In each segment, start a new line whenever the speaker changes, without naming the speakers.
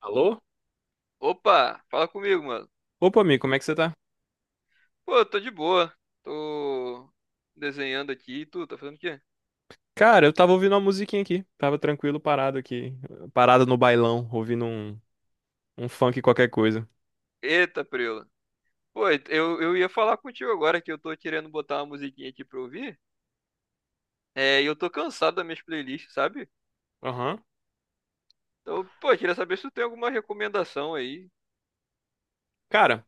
Alô?
Opa, fala comigo, mano.
Opa, amigo, como é que você tá?
Pô, eu tô de boa. Tô desenhando aqui. E tu, tá fazendo o quê?
Cara, eu tava ouvindo uma musiquinha aqui. Tava tranquilo, parado aqui. Parado no bailão, ouvindo um funk qualquer coisa.
Eita, preula. Pô, eu ia falar contigo agora que eu tô querendo botar uma musiquinha aqui pra ouvir. É, e eu tô cansado das minhas playlists, sabe?
Aham.
Então, pô, eu queria saber se tu tem alguma recomendação aí.
Cara,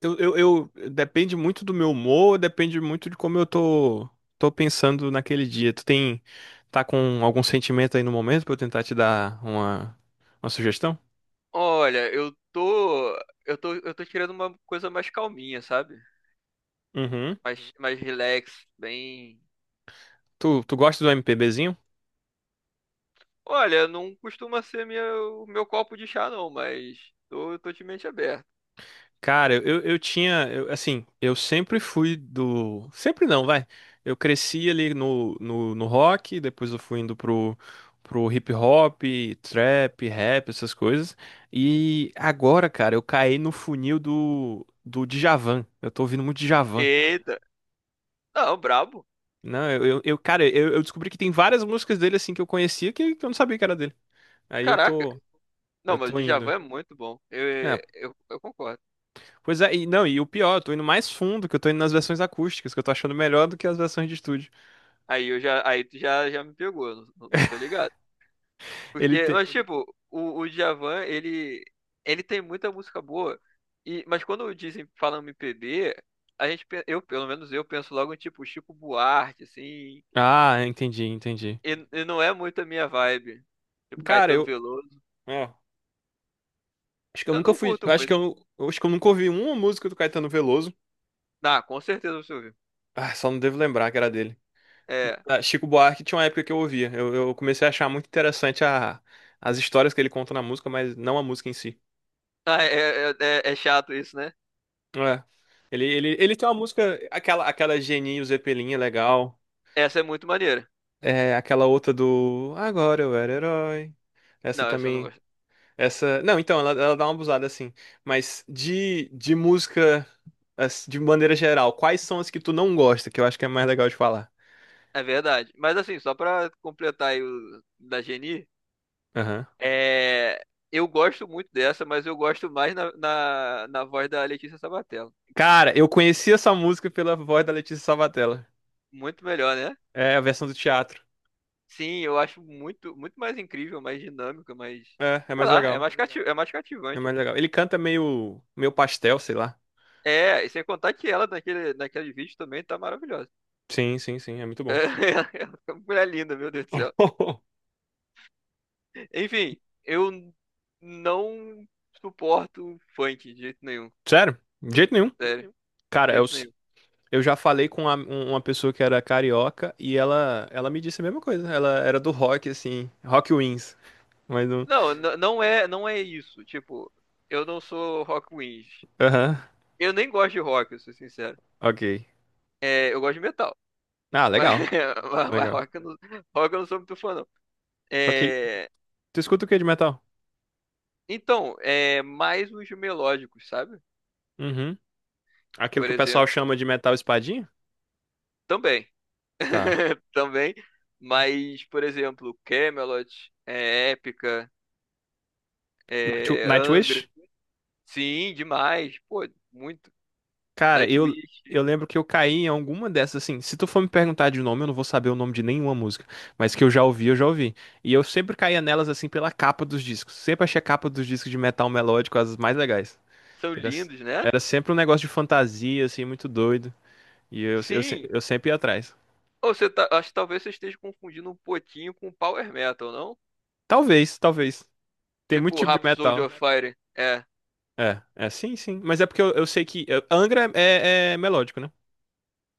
depende muito do meu humor, depende muito de como eu tô pensando naquele dia. Tu tem... Tá com algum sentimento aí no momento pra eu tentar te dar uma sugestão?
Olha, eu tô querendo uma coisa mais calminha, sabe?
Uhum.
Mais relax, bem.
Tu gosta do MPBzinho?
Olha, não costuma ser minha, o meu copo de chá, não, mas tô de mente aberta.
Cara, eu tinha, assim, eu sempre fui do. Sempre não, vai. Eu cresci ali no rock, depois eu fui indo pro hip hop, trap, rap, essas coisas. E agora, cara, eu caí no funil do Djavan. Eu tô ouvindo muito Djavan.
Eita. Não, brabo.
Não, cara, eu descobri que tem várias músicas dele, assim, que eu conhecia que eu não sabia que era dele. Aí eu
Caraca.
tô,
Não,
eu
mas o
tô indo.
Djavan é muito bom. Eu,
É,
eu, eu concordo.
pois é, e não, e o pior, eu tô indo mais fundo, que eu tô indo nas versões acústicas, que eu tô achando melhor do que as versões de estúdio.
Aí tu já me pegou, não tô ligado.
Ele
Porque,
tem.
mas tipo, o Djavan, ele tem muita música boa. E, mas quando dizem, falam MPB, a gente, pe- eu, pelo menos eu, penso logo em tipo Chico Buarque, assim.
Ah, entendi, entendi.
E não é muito a minha vibe. Tipo
Cara,
Caetano Veloso.
é, acho que eu
Eu
nunca
não
fui.
curto
Eu Acho que
muito.
eu acho que eu nunca ouvi uma música do Caetano Veloso.
Ah, com certeza você ouviu.
Ah, só não devo lembrar que era dele.
É.
Ah, Chico Buarque tinha uma época que eu ouvia. Eu comecei a achar muito interessante as histórias que ele conta na música, mas não a música em si.
Ah, é chato isso, né?
É. Ele tem uma música, aquela Geninho Zeppelin é legal.
Essa é muito maneira.
É aquela outra do Agora eu era herói. Essa
Não, essa eu não
também.
gosto.
Essa. Não, então, ela dá uma abusada assim. Mas de música, assim, de maneira geral, quais são as que tu não gosta? Que eu acho que é mais legal de falar.
É verdade. Mas assim, só pra completar aí o da Geni,
Aham.
é... eu gosto muito dessa, mas eu gosto mais na voz da Letícia Sabatella.
Cara, eu conheci essa música pela voz da Letícia Salvatella.
Muito melhor, né?
É a versão do teatro.
Sim, eu acho muito, muito mais incrível, mais dinâmica, mais.
É
Sei
mais
lá,
legal.
é mais
É
cativante.
mais legal. Ele canta meio pastel, sei lá.
É, e sem contar que ela naquele vídeo também tá maravilhosa.
Sim, sim, sim. É muito bom.
É, uma mulher linda, meu Deus do céu. Enfim, eu não suporto funk de jeito nenhum.
Sério? De jeito nenhum.
Sério, de
Cara, é o.
jeito nenhum.
Eu já falei com uma pessoa que era carioca e ela me disse a mesma coisa. Ela era do rock, assim, Rock Wings. Mas não.
Não, não é isso. Tipo, eu não sou rock wins.
Aham,
Eu nem gosto de rock, eu sou sincero.
ok.
É, eu gosto de metal.
Ah,
Mas,
legal,
mas
legal.
rock eu não sou muito fã, não.
Ok.
É,
Tu escuta o que de metal?
então, é mais os melódicos, sabe?
Uhum. Aquilo
Por
que o pessoal
exemplo,
chama de metal espadinha?
também.
Tá.
Também. Mas, por exemplo, Camelot, Épica,
Night- Nightwish?
Angra. Sim, demais. Pô, muito.
Cara, eu,
Nightwish.
eu lembro que eu caí em alguma dessas, assim. Se tu for me perguntar de nome, eu não vou saber o nome de nenhuma música. Mas que eu já ouvi, eu já ouvi. E eu sempre caía nelas, assim, pela capa dos discos. Sempre achei a capa dos discos de metal melódico as mais legais.
São
Era,
lindos, né?
era sempre um negócio de fantasia, assim, muito doido. E eu, se-
Sim.
eu sempre ia atrás.
Acho que talvez você esteja confundindo um pouquinho com Power Metal, não?
Talvez, talvez. Tem muito
Tipo
tipo de
Rhapsody
metal.
of Fire. É.
É, sim, sim. Mas é porque eu sei que, Angra é melódico, né?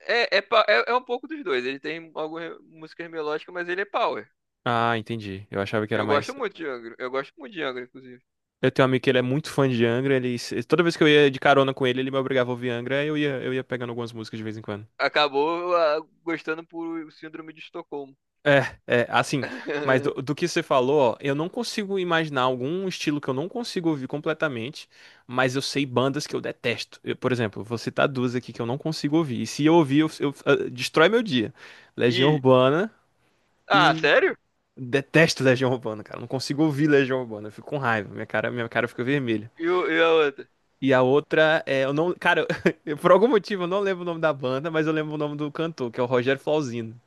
É um pouco dos dois. Ele tem algumas músicas melódicas, mas ele é power.
Ah, entendi. Eu achava que era
Eu
mais.
gosto muito de Angra. Eu gosto muito de Angra, inclusive.
Eu tenho um amigo que ele é muito fã de Angra. Ele, se- Toda vez que eu ia de carona com ele, ele me obrigava a ouvir Angra. Aí eu ia pegando algumas músicas de vez em quando.
Acabou gostando por Síndrome de Estocolmo.
É, é, assim, mas do, do que você falou, ó, eu não consigo imaginar algum estilo que eu não consigo ouvir completamente, mas eu sei bandas que eu detesto. Eu, por exemplo, vou citar duas aqui que eu não consigo ouvir, e se eu ouvir, destrói meu dia. Legião
E.
Urbana,
Ah,
e
sério?
detesto Legião Urbana, cara, eu não consigo ouvir Legião Urbana, eu fico com raiva, minha cara fica vermelha.
E a outra?
E a outra é, eu não, cara, por algum motivo eu não lembro o nome da banda, mas eu lembro o nome do cantor, que é o Rogério Flauzino.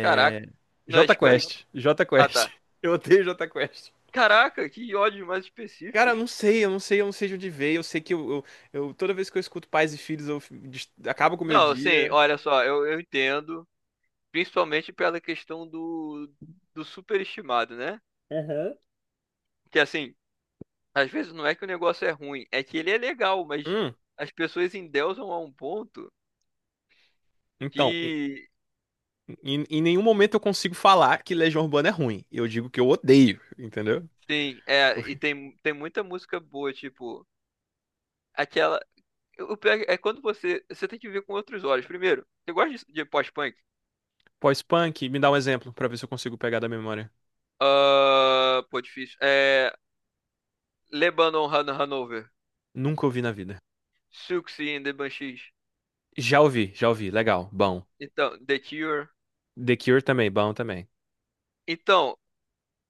Caraca. Não é Skank?
JQuest.
Ah,
JQuest.
tá.
Eu odeio JQuest.
Caraca, que ódios mais
Cara, eu
específicos.
não sei, eu não sei, eu não sei de onde veio. Eu sei que toda vez que eu escuto Pais e Filhos, acabo com o meu
Não, sim,
dia.
olha só, eu entendo. Principalmente pela questão do superestimado, né? Que assim, às vezes não é que o negócio é ruim, é que ele é legal, mas
Hum,
as pessoas endeusam a um ponto
então, em,
que,
em- em nenhum momento eu consigo falar que Legião Urbana é ruim. Eu digo que eu odeio, entendeu?
sim, e
Porque-
tem muita música boa, tipo, aquela. O pior é quando você. Você tem que ver com outros olhos. Primeiro, você gosta de pós-punk?
Pós-punk, me dá um exemplo pra ver se eu consigo pegar da memória.
Ah, pô, difícil. É. Lebanon Han Hanover.
Nunca ouvi na vida.
Siouxsie and the Banshees.
Já ouvi, legal, bom.
Então, The Cure.
The Cure também, bom também.
Então,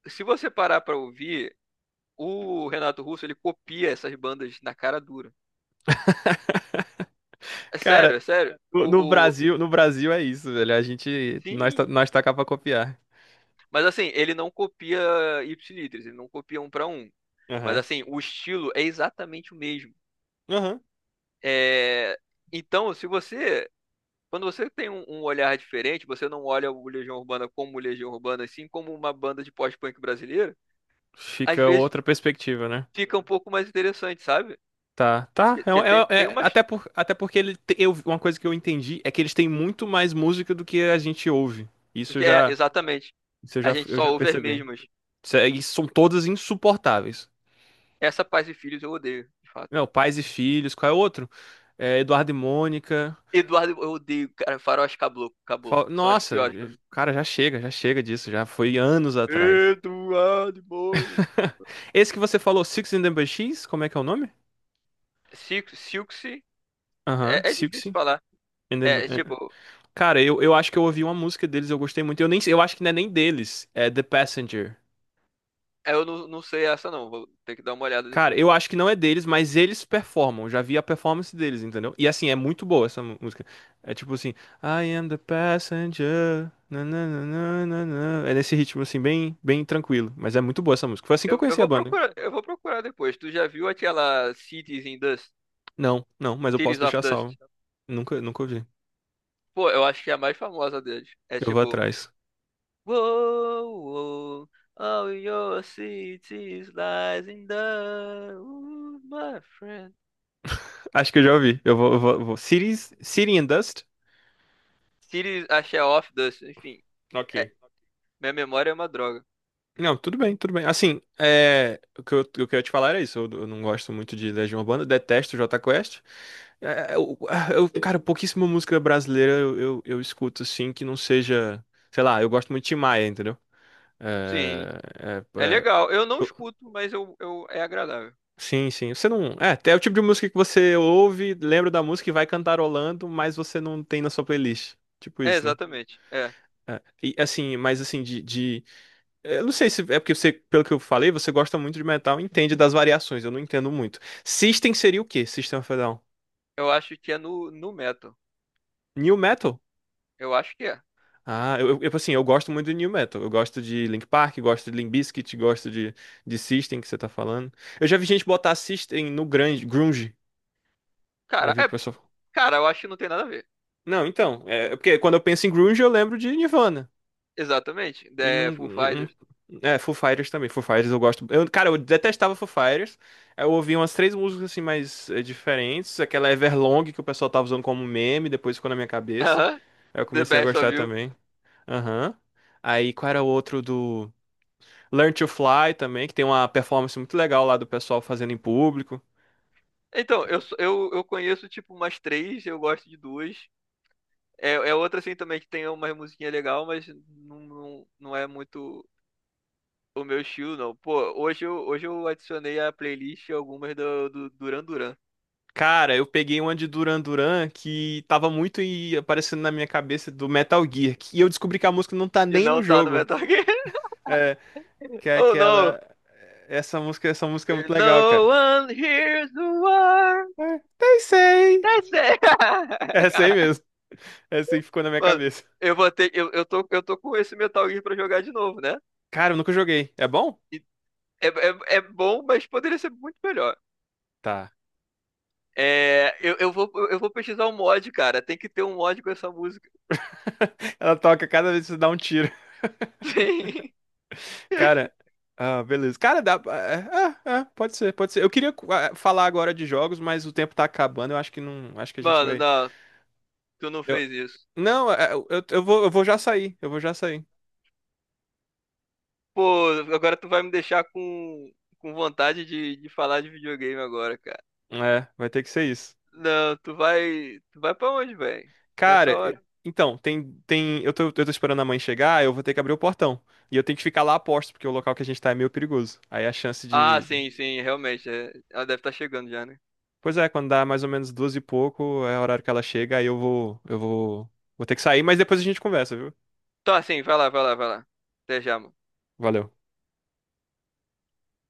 se você parar pra ouvir, O Renato Russo, ele copia essas bandas na cara dura. É
Cara,
sério, é sério.
no Brasil, no Brasil é isso, velho. A gente, nós tá,
Sim,
nós tá cá pra copiar.
mas assim, ele não copia Ipsilitris, ele não copia um pra um. Mas
Aham.
assim, o estilo é exatamente o mesmo.
Aham.
É... Então, se você. Quando você tem um olhar diferente, você não olha o Legião Urbana como Legião Urbana, e sim como uma banda de pós-punk brasileira, às
Fica
vezes
outra perspectiva, né?
fica um pouco mais interessante, sabe?
Tá, tá. É, um,
Porque tem, tem umas.
até porque eu, uma coisa que eu entendi é que eles têm muito mais música do que a gente ouve. Isso eu
É,
já,
exatamente.
isso eu
A
já,
gente
eu
só
já
ouve as
percebi.
mesmas.
E são todas insuportáveis.
Essa Paz e Filhos eu odeio, de fato.
Não, Pais e Filhos, qual é o outro? É, Eduardo e Mônica.
Eduardo, eu odeio, cara, faróis caboclo, caboclo. São as
Nossa,
piores pra mim.
cara, já chega disso, já foi anos atrás.
Eduardo Moura.
Esse que você falou, Six and the Banshees, como é que é o nome?
Silksy,
Aham,
é
Six
difícil falar.
and
É,
the.
tipo,
Cara, eu acho que eu ouvi uma música deles, eu gostei muito. Eu acho que não é nem deles, é The Passenger.
eu não sei essa não, vou ter que dar uma olhada
Cara,
depois.
eu acho que não é deles, mas eles performam. Eu já vi a performance deles, entendeu? E assim, é muito boa essa música. É tipo assim, I am the passenger. Na, na, na, na, na, na. É nesse ritmo assim, bem, bem tranquilo. Mas é muito boa essa música. Foi assim que eu
Eu
conheci a
vou
banda.
procurar, eu vou procurar depois. Tu já viu aquela Cities in Dust?
Não, não, mas eu posso
Cities
deixar
of Dust?
salvo. Nunca, nunca ouvi.
Pô, eu acho que é a mais famosa deles. É
Eu vou
tipo,
atrás.
Whoa, whoa, all your cities lies in dust, my friend.
Acho que eu já ouvi. Eu vou. Cities, City and Dust?
Cities, acho que é off dust, enfim. É,
Ok.
minha memória é uma droga.
Não, tudo bem, tudo bem. Assim, é, o que eu queria te falar era isso. Eu não gosto muito de Legião Urbana, detesto Jota Quest. É, cara, pouquíssima música brasileira eu escuto, assim, que não seja. Sei lá, eu gosto muito de Tim Maia, entendeu?
Sim.
É, é,
É
é,
legal. Eu não
eu-
escuto, mas é agradável.
sim, sim. Você não. É o tipo de música que você ouve, lembra da música e vai cantarolando, mas você não tem na sua playlist. Tipo
É,
isso, né?
exatamente. É.
É, e assim, mas assim, de eu não sei se é porque você, pelo que eu falei, você gosta muito de metal, e entende das variações, eu não entendo muito. System seria o quê? System of a Down?
Eu acho que é no metal.
New Metal?
Eu acho que é.
Ah, eu assim, eu gosto muito de New Metal. Eu gosto de Linkin Park, gosto de Limp Bizkit, gosto de System que você tá falando. Eu já vi gente botar System no grande, grunge. Já
Cara,
vi o
é.
pessoal.
Cara, eu acho que não tem nada a ver.
Não, então, é porque quando eu penso em grunge, eu lembro de Nirvana.
Exatamente.
E não.
The Foo
Não-.
Fighters.
É, Foo Fighters também. Foo Fighters eu gosto. Eu, cara, eu detestava Foo Fighters. Eu ouvi umas três músicas assim mais diferentes. Aquela Everlong que o pessoal tava usando como meme, depois ficou na minha cabeça.
Aham.
Aí eu
The
comecei a
Best of
gostar
You.
também. Aham. Aí qual era o outro do Learn to Fly também, que tem uma performance muito legal lá do pessoal fazendo em público.
Então, eu conheço tipo umas três, eu gosto de duas. É outra assim também que tem uma musiquinha legal, mas não é muito o meu estilo, não. Pô, hoje eu adicionei à playlist algumas do Duran Duran.
Cara, eu peguei uma de Duran Duran que tava muito e aparecendo na minha cabeça do Metal Gear. E eu descobri que a música não tá
E
nem no
não tá no
jogo.
Metal Gear.
É, que é
Oh no!
aquela. Essa música é muito legal,
No
cara.
one hears the word.
É, pensei!
That's it.
Essa aí
Caraca,
mesmo. É essa aí ficou na minha
mano,
cabeça.
eu vou ter. Eu tô com esse Metal Gear pra jogar de novo, né?
Cara, eu nunca joguei. É bom?
E é bom, mas poderia ser muito melhor.
Tá.
É, eu vou pesquisar um mod, cara. Tem que ter um mod com essa música.
Ela toca cada vez que você dá um tiro.
Sim.
Cara, ah, beleza. Cara, dá. É, pode ser, pode ser. Eu queria falar agora de jogos, mas o tempo tá acabando. Eu acho que não. Acho que a gente
Mano,
vai.
não, tu não
eu-
fez isso.
Não, é, eu vou já sair. Eu vou já sair.
Pô, agora tu vai me deixar com vontade de falar de videogame agora, cara.
É, vai ter que ser isso.
Não, tu vai. Tu vai pra onde, velho?
Cara,
Nessa hora.
então, eu tô esperando a mãe chegar, eu vou ter que abrir o portão. E eu tenho que ficar lá a posto, porque o local que a gente tá é meio perigoso. Aí a chance
Ah,
de.
sim, sim, realmente. É. Ela deve estar chegando já, né?
Pois é, quando dá mais ou menos duas e pouco, é o horário que ela chega, aí vou ter que sair, mas depois a gente conversa, viu?
Tá, sim, vai lá, vai lá, vai lá. Até já, mano.
Valeu.